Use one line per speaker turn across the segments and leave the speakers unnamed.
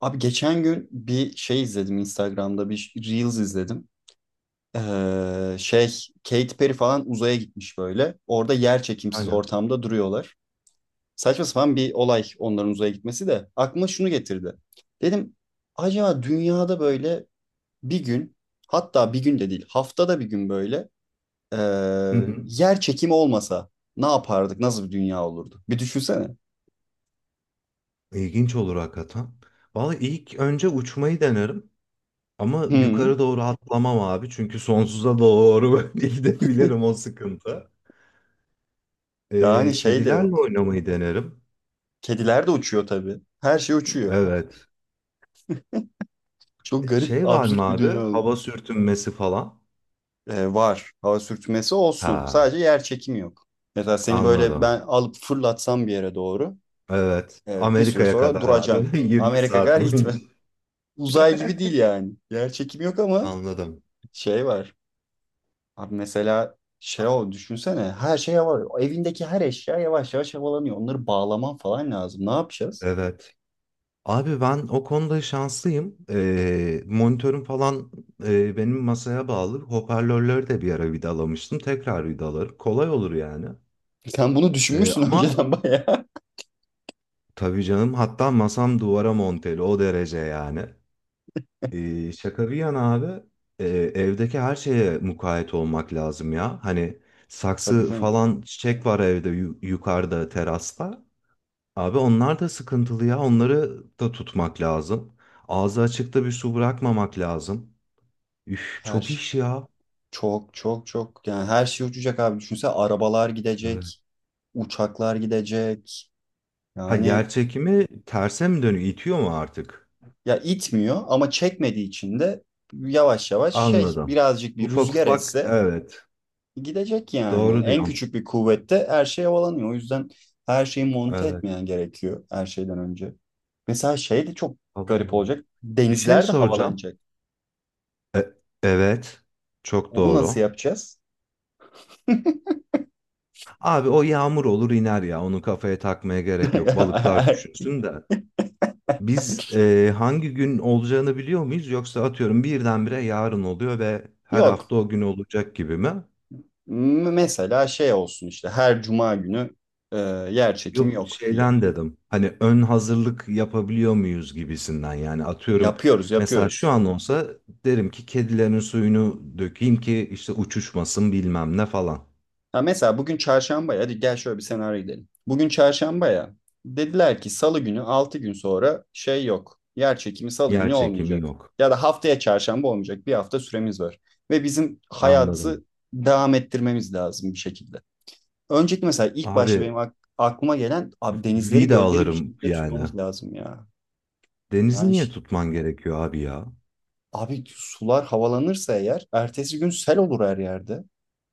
Abi geçen gün bir şey izledim Instagram'da bir Reels izledim. Ee, şey Katy Perry falan uzaya gitmiş böyle. Orada yer çekimsiz
Aynen.
ortamda duruyorlar. Saçma sapan bir olay onların uzaya gitmesi de aklıma şunu getirdi. Dedim acaba dünyada böyle bir gün hatta bir gün de değil haftada bir gün böyle ee,
Hı hı.
yer çekimi olmasa ne yapardık? Nasıl bir dünya olurdu? Bir düşünsene.
İlginç olur hakikaten. Valla ilk önce uçmayı denerim. Ama
Hı.
yukarı doğru atlamam abi. Çünkü sonsuza doğru böyle gidebilirim o sıkıntı.
Yani şey de
Kedilerle
yok.
oynamayı denerim.
Kediler de uçuyor tabii. Her şey uçuyor.
Evet.
Çok garip,
Şey var mı
absürt bir
abi?
dünya oldu.
Hava sürtünmesi falan.
Var. Hava sürtünmesi olsun.
Ha,
Sadece yer çekimi yok. Mesela seni böyle
anladım.
ben alıp fırlatsam bir yere doğru
Evet.
bir süre
Amerika'ya
sonra
kadar abi.
duracaksın.
20
Amerika
saat
kadar
boyunca.
gitme. Uzay gibi değil yani. Yer çekimi yok ama
Anladım.
şey var. Abi mesela şey o düşünsene her şey var. Evindeki her eşya yavaş yavaş havalanıyor. Onları bağlaman falan lazım. Ne yapacağız?
Evet. Abi ben o konuda şanslıyım. Monitörüm falan benim masaya bağlı. Hoparlörleri de bir ara vidalamıştım. Tekrar vidalarım. Kolay olur yani.
Sen bunu düşünmüşsün
Ama
önceden bayağı.
tabii canım, hatta masam duvara monteli o derece yani. Şaka bir yana abi, evdeki her şeye mukayyet olmak lazım ya. Hani
Tabii
saksı
canım.
falan çiçek var evde yukarıda terasta. Abi onlar da sıkıntılı ya. Onları da tutmak lazım. Ağzı açıkta bir su bırakmamak lazım. Üf,
Her
çok
şey.
iş ya.
Çok çok çok yani her şey uçacak abi. Düşünsene arabalar
Evet.
gidecek, uçaklar gidecek.
Ha,
Yani
yer çekimi terse mi dönüyor? İtiyor mu artık?
ya itmiyor ama çekmediği için de yavaş yavaş şey
Anladım.
birazcık bir
Ufak
rüzgar
ufak,
esse
evet.
gidecek yani.
Doğru
En
diyorsun.
küçük bir kuvvette her şey havalanıyor. O yüzden her şeyi monte
Evet.
etmeyen gerekiyor her şeyden önce. Mesela şey de çok garip
Abo.
olacak.
Bir şey
Denizler de
soracağım.
havalanacak.
E- evet. Çok
Onu nasıl
doğru.
yapacağız?
Abi o yağmur olur iner ya. Onu kafaya takmaya gerek yok. Balıklar düşünsün de. Biz hangi gün olacağını biliyor muyuz? Yoksa atıyorum birdenbire yarın oluyor ve her
Yok.
hafta o gün olacak gibi mi?
Mesela şey olsun işte her cuma günü e, yer çekimi
Yok,
yok diye.
şeyden dedim. Hani ön hazırlık yapabiliyor muyuz gibisinden yani, atıyorum
Yapıyoruz,
mesela şu
yapıyoruz.
an olsa derim ki kedilerin suyunu dökeyim ki işte uçuşmasın, bilmem ne falan.
Ha mesela bugün çarşamba ya. Hadi gel şöyle bir senaryo gidelim. Bugün çarşamba ya. Dediler ki salı günü 6 gün sonra şey yok. Yer çekimi salı
Yer
günü
çekimi
olmayacak.
yok.
Ya da haftaya çarşamba olmayacak. Bir hafta süremiz var. Ve bizim
Anladım.
hayatı devam ettirmemiz lazım bir şekilde. Önceki mesela ilk başta
Abi
benim aklıma gelen abi denizleri,
vida
gölleri bir
alırım
şekilde
yani.
tutmamız lazım ya.
Denizi
Yani
niye tutman gerekiyor abi ya?
abi sular havalanırsa eğer ertesi gün sel olur her yerde.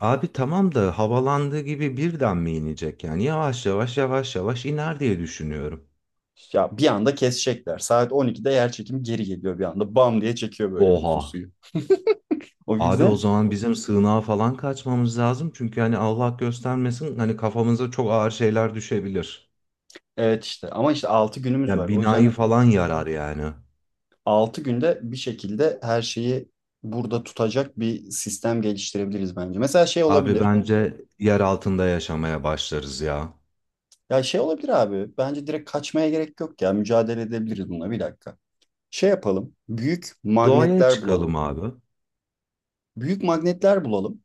Abi tamam da havalandığı gibi birden mi inecek yani? Yavaş yavaş yavaş yavaş iner diye düşünüyorum.
Ya bir anda kesecekler. Saat 12'de yer çekimi geri geliyor bir anda. Bam diye çekiyor böyle bütün
Oha.
suyu. O
Abi o
yüzden
zaman bizim sığınağa falan kaçmamız lazım. Çünkü hani Allah göstermesin, hani kafamıza çok ağır şeyler düşebilir.
evet işte ama işte 6 günümüz var.
Yani
O
binayı
yüzden
falan yarar yani.
6 günde bir şekilde her şeyi burada tutacak bir sistem geliştirebiliriz bence. Mesela şey
Abi
olabilir.
bence yer altında yaşamaya başlarız ya.
Ya şey olabilir abi. Bence direkt kaçmaya gerek yok ya. Mücadele edebiliriz bununla bir dakika. Şey yapalım. Büyük
Doğaya
magnetler
çıkalım
bulalım.
abi.
Büyük magnetler bulalım.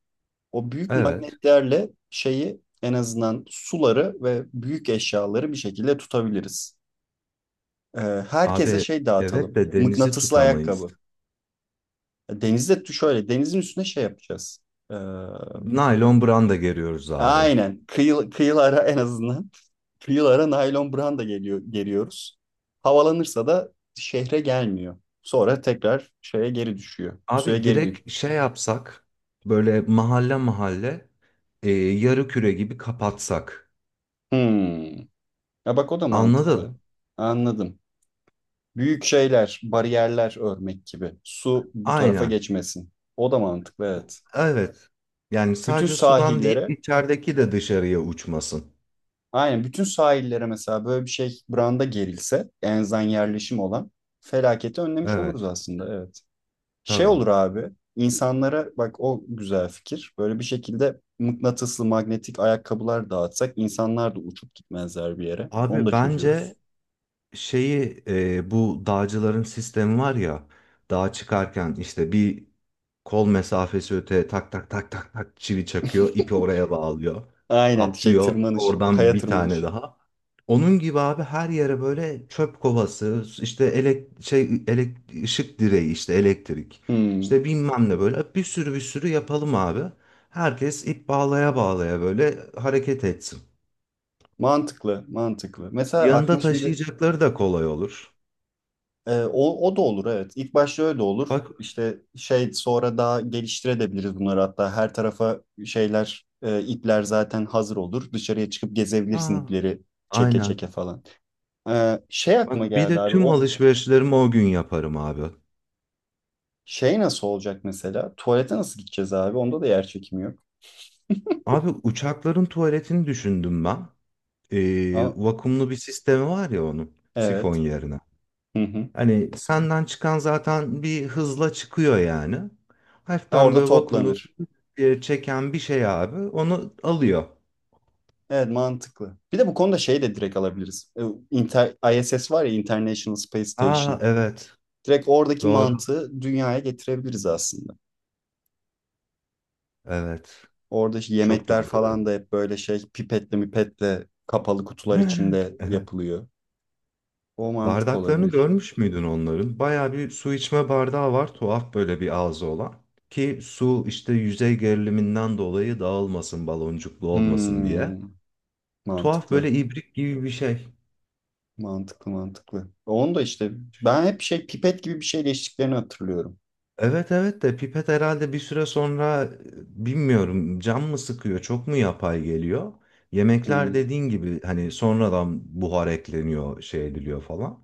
O büyük
Evet.
magnetlerle şeyi en azından suları ve büyük eşyaları bir şekilde tutabiliriz. Ee, Herkese
Abi
şey
evet
dağıtalım.
de denizi
Mıknatıslı
tutamayız.
ayakkabı. Denizde şöyle denizin üstüne şey yapacağız. Ee,
Naylon branda geriyoruz abi.
aynen kıyılara en azından kıyılara naylon branda geliyoruz. Havalanırsa da şehre gelmiyor. Sonra tekrar şeye geri düşüyor. Suya
Abi
geri
direkt
düşüyor.
şey yapsak, böyle mahalle mahalle, yarı küre gibi kapatsak.
Hmm. Ya bak o da mantıklı.
Anladın?
Anladım. Büyük şeyler, bariyerler örmek gibi. Su bu tarafa
Aynen.
geçmesin. O da mantıklı evet.
Evet. Yani
Bütün
sadece sudan değil,
sahillere,
içerideki de dışarıya uçmasın.
aynen bütün sahillere mesela böyle bir şey branda gerilse, enzan yerleşim olan felaketi önlemiş
Evet.
oluruz aslında evet. Şey
Tabii.
olur abi, insanlara bak o güzel fikir. Böyle bir şekilde mıknatıslı magnetik ayakkabılar dağıtsak insanlar da uçup gitmezler bir yere. Onu
Abi
da
bence
çözüyoruz.
şeyi, bu dağcıların sistemi var ya, dağa çıkarken işte bir kol mesafesi öte tak tak tak tak tak çivi çakıyor, ipi oraya bağlıyor,
Aynen şey
atlıyor,
tırmanış,
oradan
kaya
bir tane
tırmanış.
daha, onun gibi abi. Her yere böyle çöp kovası, işte elek, şey elek, ışık direği, işte elektrik,
Hmm.
işte bilmem ne, böyle bir sürü bir sürü yapalım abi. Herkes ip bağlaya bağlaya böyle hareket etsin.
Mantıklı, mantıklı. Mesela
Yanında
aklıma şimdi
taşıyacakları da kolay olur.
O da olur evet. İlk başta öyle olur.
Bak.
İşte şey sonra daha geliştirebiliriz bunları hatta her tarafa şeyler ipler zaten hazır olur. Dışarıya çıkıp gezebilirsin
Aa,
ipleri çeke
aynen.
çeke falan. Şey aklıma
Bak bir
geldi
de
abi
tüm
o
alışverişlerimi o gün yaparım abi.
şey nasıl olacak mesela? Tuvalete nasıl gideceğiz abi? Onda da yer çekimi yok.
Abi uçakların tuvaletini düşündüm ben.
Aa,
Vakumlu bir sistemi var ya onun, sifon
evet.
yerine.
Hı hı.
Hani senden çıkan zaten bir hızla çıkıyor yani.
Ha,
Hafiften
orada
böyle vakumlu
toplanır.
bir çeken bir şey abi onu alıyor.
Evet mantıklı. Bir de bu konuda şey de direkt alabiliriz. ISS var ya International Space
Aa
Station.
evet,
Direkt oradaki
doğru,
mantığı dünyaya getirebiliriz aslında.
evet,
Orada işte
çok
yemekler
doğru
falan
dedim.
da hep böyle şey pipetle mipetle kapalı kutular içinde
Evet.
yapılıyor. O mantık
Bardaklarını
olabilir.
görmüş müydün onların? Baya bir su içme bardağı var, tuhaf böyle bir ağzı olan. Ki su işte yüzey geriliminden dolayı dağılmasın, baloncuklu olmasın diye.
Hmm,
Tuhaf
Mantıklı.
böyle ibrik gibi bir şey.
Mantıklı mantıklı. Onu da işte ben hep şey pipet gibi bir şeyle içtiklerini hatırlıyorum.
Evet evet de pipet herhalde bir süre sonra, bilmiyorum, cam mı sıkıyor, çok mu yapay geliyor? Yemekler
Hmm,
dediğin gibi hani sonradan buhar ekleniyor, şey ediliyor falan.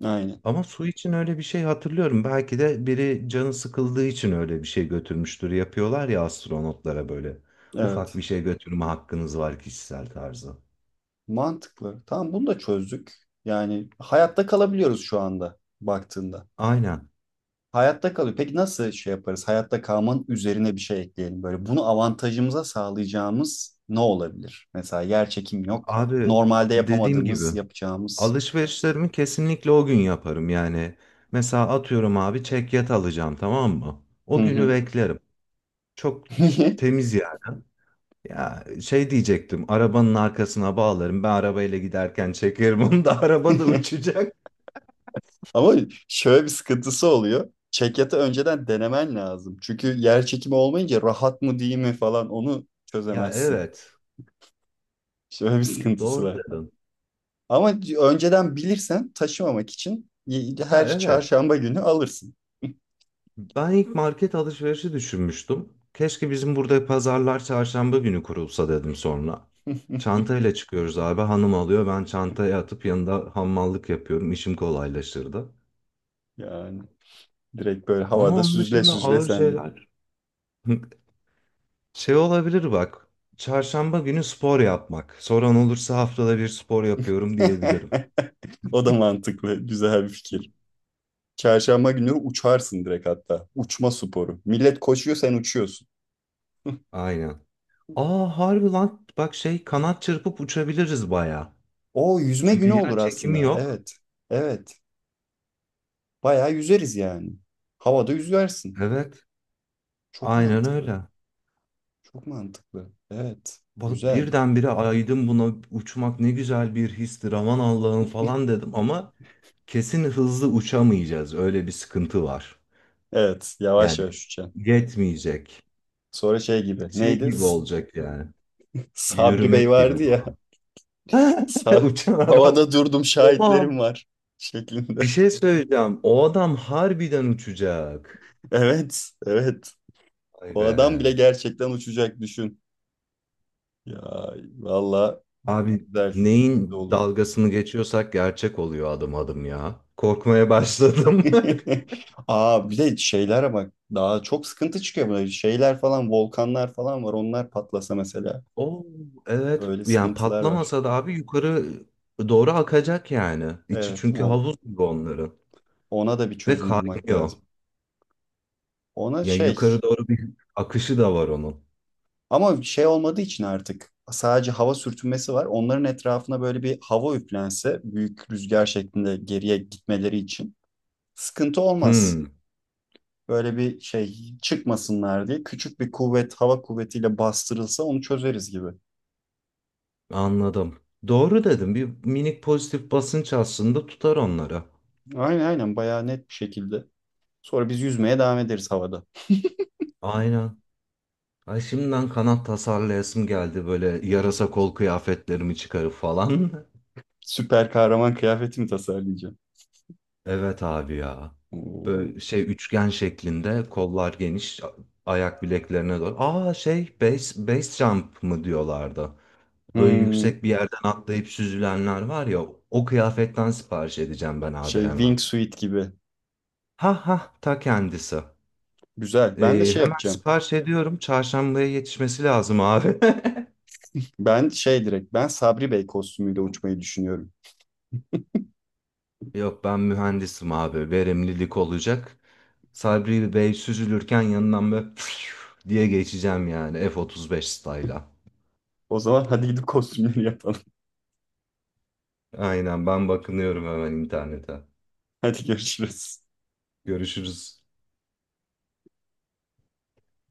aynen.
Ama su için öyle bir şey hatırlıyorum. Belki de biri canı sıkıldığı için öyle bir şey götürmüştür. Yapıyorlar ya astronotlara böyle. Ufak
Evet.
bir şey götürme hakkınız var kişisel tarzı.
Mantıklı. Tamam bunu da çözdük. Yani hayatta kalabiliyoruz şu anda baktığında.
Aynen.
Hayatta kalıyor. Peki nasıl şey yaparız? Hayatta kalmanın üzerine bir şey ekleyelim. Böyle bunu avantajımıza sağlayacağımız ne olabilir? Mesela yer çekim yok.
Abi
Normalde
dediğim
yapamadığımız,
gibi
yapacağımız.
alışverişlerimi kesinlikle o gün yaparım. Yani mesela atıyorum abi, çekyat alacağım tamam mı?
Hı
O günü
hı.
beklerim. Çok temiz yani. Ya şey diyecektim, arabanın arkasına bağlarım. Ben arabayla giderken çekerim onu da, araba da uçacak.
Ama şöyle bir sıkıntısı oluyor. Çekyatı önceden denemen lazım. Çünkü yer çekimi olmayınca rahat mı değil mi falan onu
Ya
çözemezsin.
evet.
Şöyle bir sıkıntısı
Doğru
var.
dedin.
Ama önceden bilirsen taşımamak için her
Ya evet.
çarşamba günü alırsın.
Ben ilk market alışverişi düşünmüştüm. Keşke bizim burada pazarlar çarşamba günü kurulsa dedim sonra. Çantayla çıkıyoruz abi. Hanım alıyor. Ben çantaya atıp yanında hamallık yapıyorum. İşim kolaylaşırdı.
Yani. Direkt böyle
Ama
havada
onun
süzle
dışında
süzle
ağır
sendin.
şeyler. Şey olabilir bak. Çarşamba günü spor yapmak. Soran olursa haftada bir spor yapıyorum diyebilirim.
O da mantıklı. Güzel bir fikir. Çarşamba günü uçarsın direkt hatta. Uçma sporu. Millet koşuyor sen uçuyorsun.
Aynen. Aa, harbi lan. Bak şey, kanat çırpıp uçabiliriz baya.
O yüzme
Çünkü
günü
yer
olur
çekimi
aslında.
yok.
Evet. Evet. Bayağı yüzeriz yani. Havada yüzersin.
Evet.
Çok
Aynen
mantıklı.
öyle.
Çok mantıklı. Evet.
Bak
Güzel.
birdenbire aydım buna, uçmak ne güzel bir histir aman Allah'ım falan dedim, ama kesin hızlı uçamayacağız. Öyle bir sıkıntı var.
Evet. Yavaş
Yani
yavaş uçacaksın.
yetmeyecek.
Sonra şey gibi.
Şey
Neydi?
gibi olacak yani.
Sabri Bey
Yürümek gibi
vardı ya.
falan.
Sa-
Uçan adam.
Havada durdum
Oha,
şahitlerim var
bir
şeklinde.
şey söyleyeceğim. O adam harbiden uçacak.
Evet, evet.
Ay
O
be.
adam bile gerçekten uçacak düşün. Ya valla
Abi
güzel, güzel
neyin
olur.
dalgasını geçiyorsak gerçek oluyor adım adım ya. Korkmaya başladım.
Aa bir de şeyler bak daha çok sıkıntı çıkıyor böyle şeyler falan volkanlar falan var onlar patlasa mesela
Oo, evet,
öyle
yani
sıkıntılar var.
patlamasa da abi yukarı doğru akacak yani. İçi
Evet
çünkü
o
havuz gibi onların.
ona da bir
Ve
çözüm bulmak
kaynıyor.
lazım. Ona
Yani
şey
yukarı doğru bir akışı da var onun.
ama şey olmadığı için artık sadece hava sürtünmesi var. Onların etrafına böyle bir hava üflense büyük rüzgar şeklinde geriye gitmeleri için sıkıntı olmaz.
Hmm,
Böyle bir şey çıkmasınlar diye küçük bir kuvvet hava kuvvetiyle bastırılsa onu çözeriz gibi.
anladım. Doğru dedim. Bir minik pozitif basınç aslında tutar onları.
Aynen aynen bayağı net bir şekilde. Sonra biz yüzmeye devam ederiz havada.
Aynen. Ay şimdiden kanat tasarlayasım geldi, böyle yarasa
Evet.
kol kıyafetlerimi çıkarıp falan.
Süper kahraman kıyafetimi tasarlayacağım.
Evet abi ya.
Oo.
Böyle şey üçgen şeklinde, kollar geniş ayak bileklerine doğru. Aa şey, base, base jump mı diyorlardı. Öyle
Hmm.
yüksek bir yerden atlayıp süzülenler var ya, o kıyafetten sipariş edeceğim ben abi
Şey
hemen.
wingsuit gibi.
Ha ha, ta kendisi.
Güzel. Ben de şey
Hemen
yapacağım.
sipariş ediyorum. Çarşambaya yetişmesi lazım abi.
Ben direkt Sabri Bey kostümüyle uçmayı düşünüyorum.
Yok, ben mühendisim abi. Verimlilik olacak. Sabri Bey süzülürken yanından böyle diye geçeceğim yani, F-35 style'a.
O zaman hadi gidip kostümleri yapalım.
Aynen, ben bakınıyorum hemen internete.
Hadi görüşürüz.
Görüşürüz.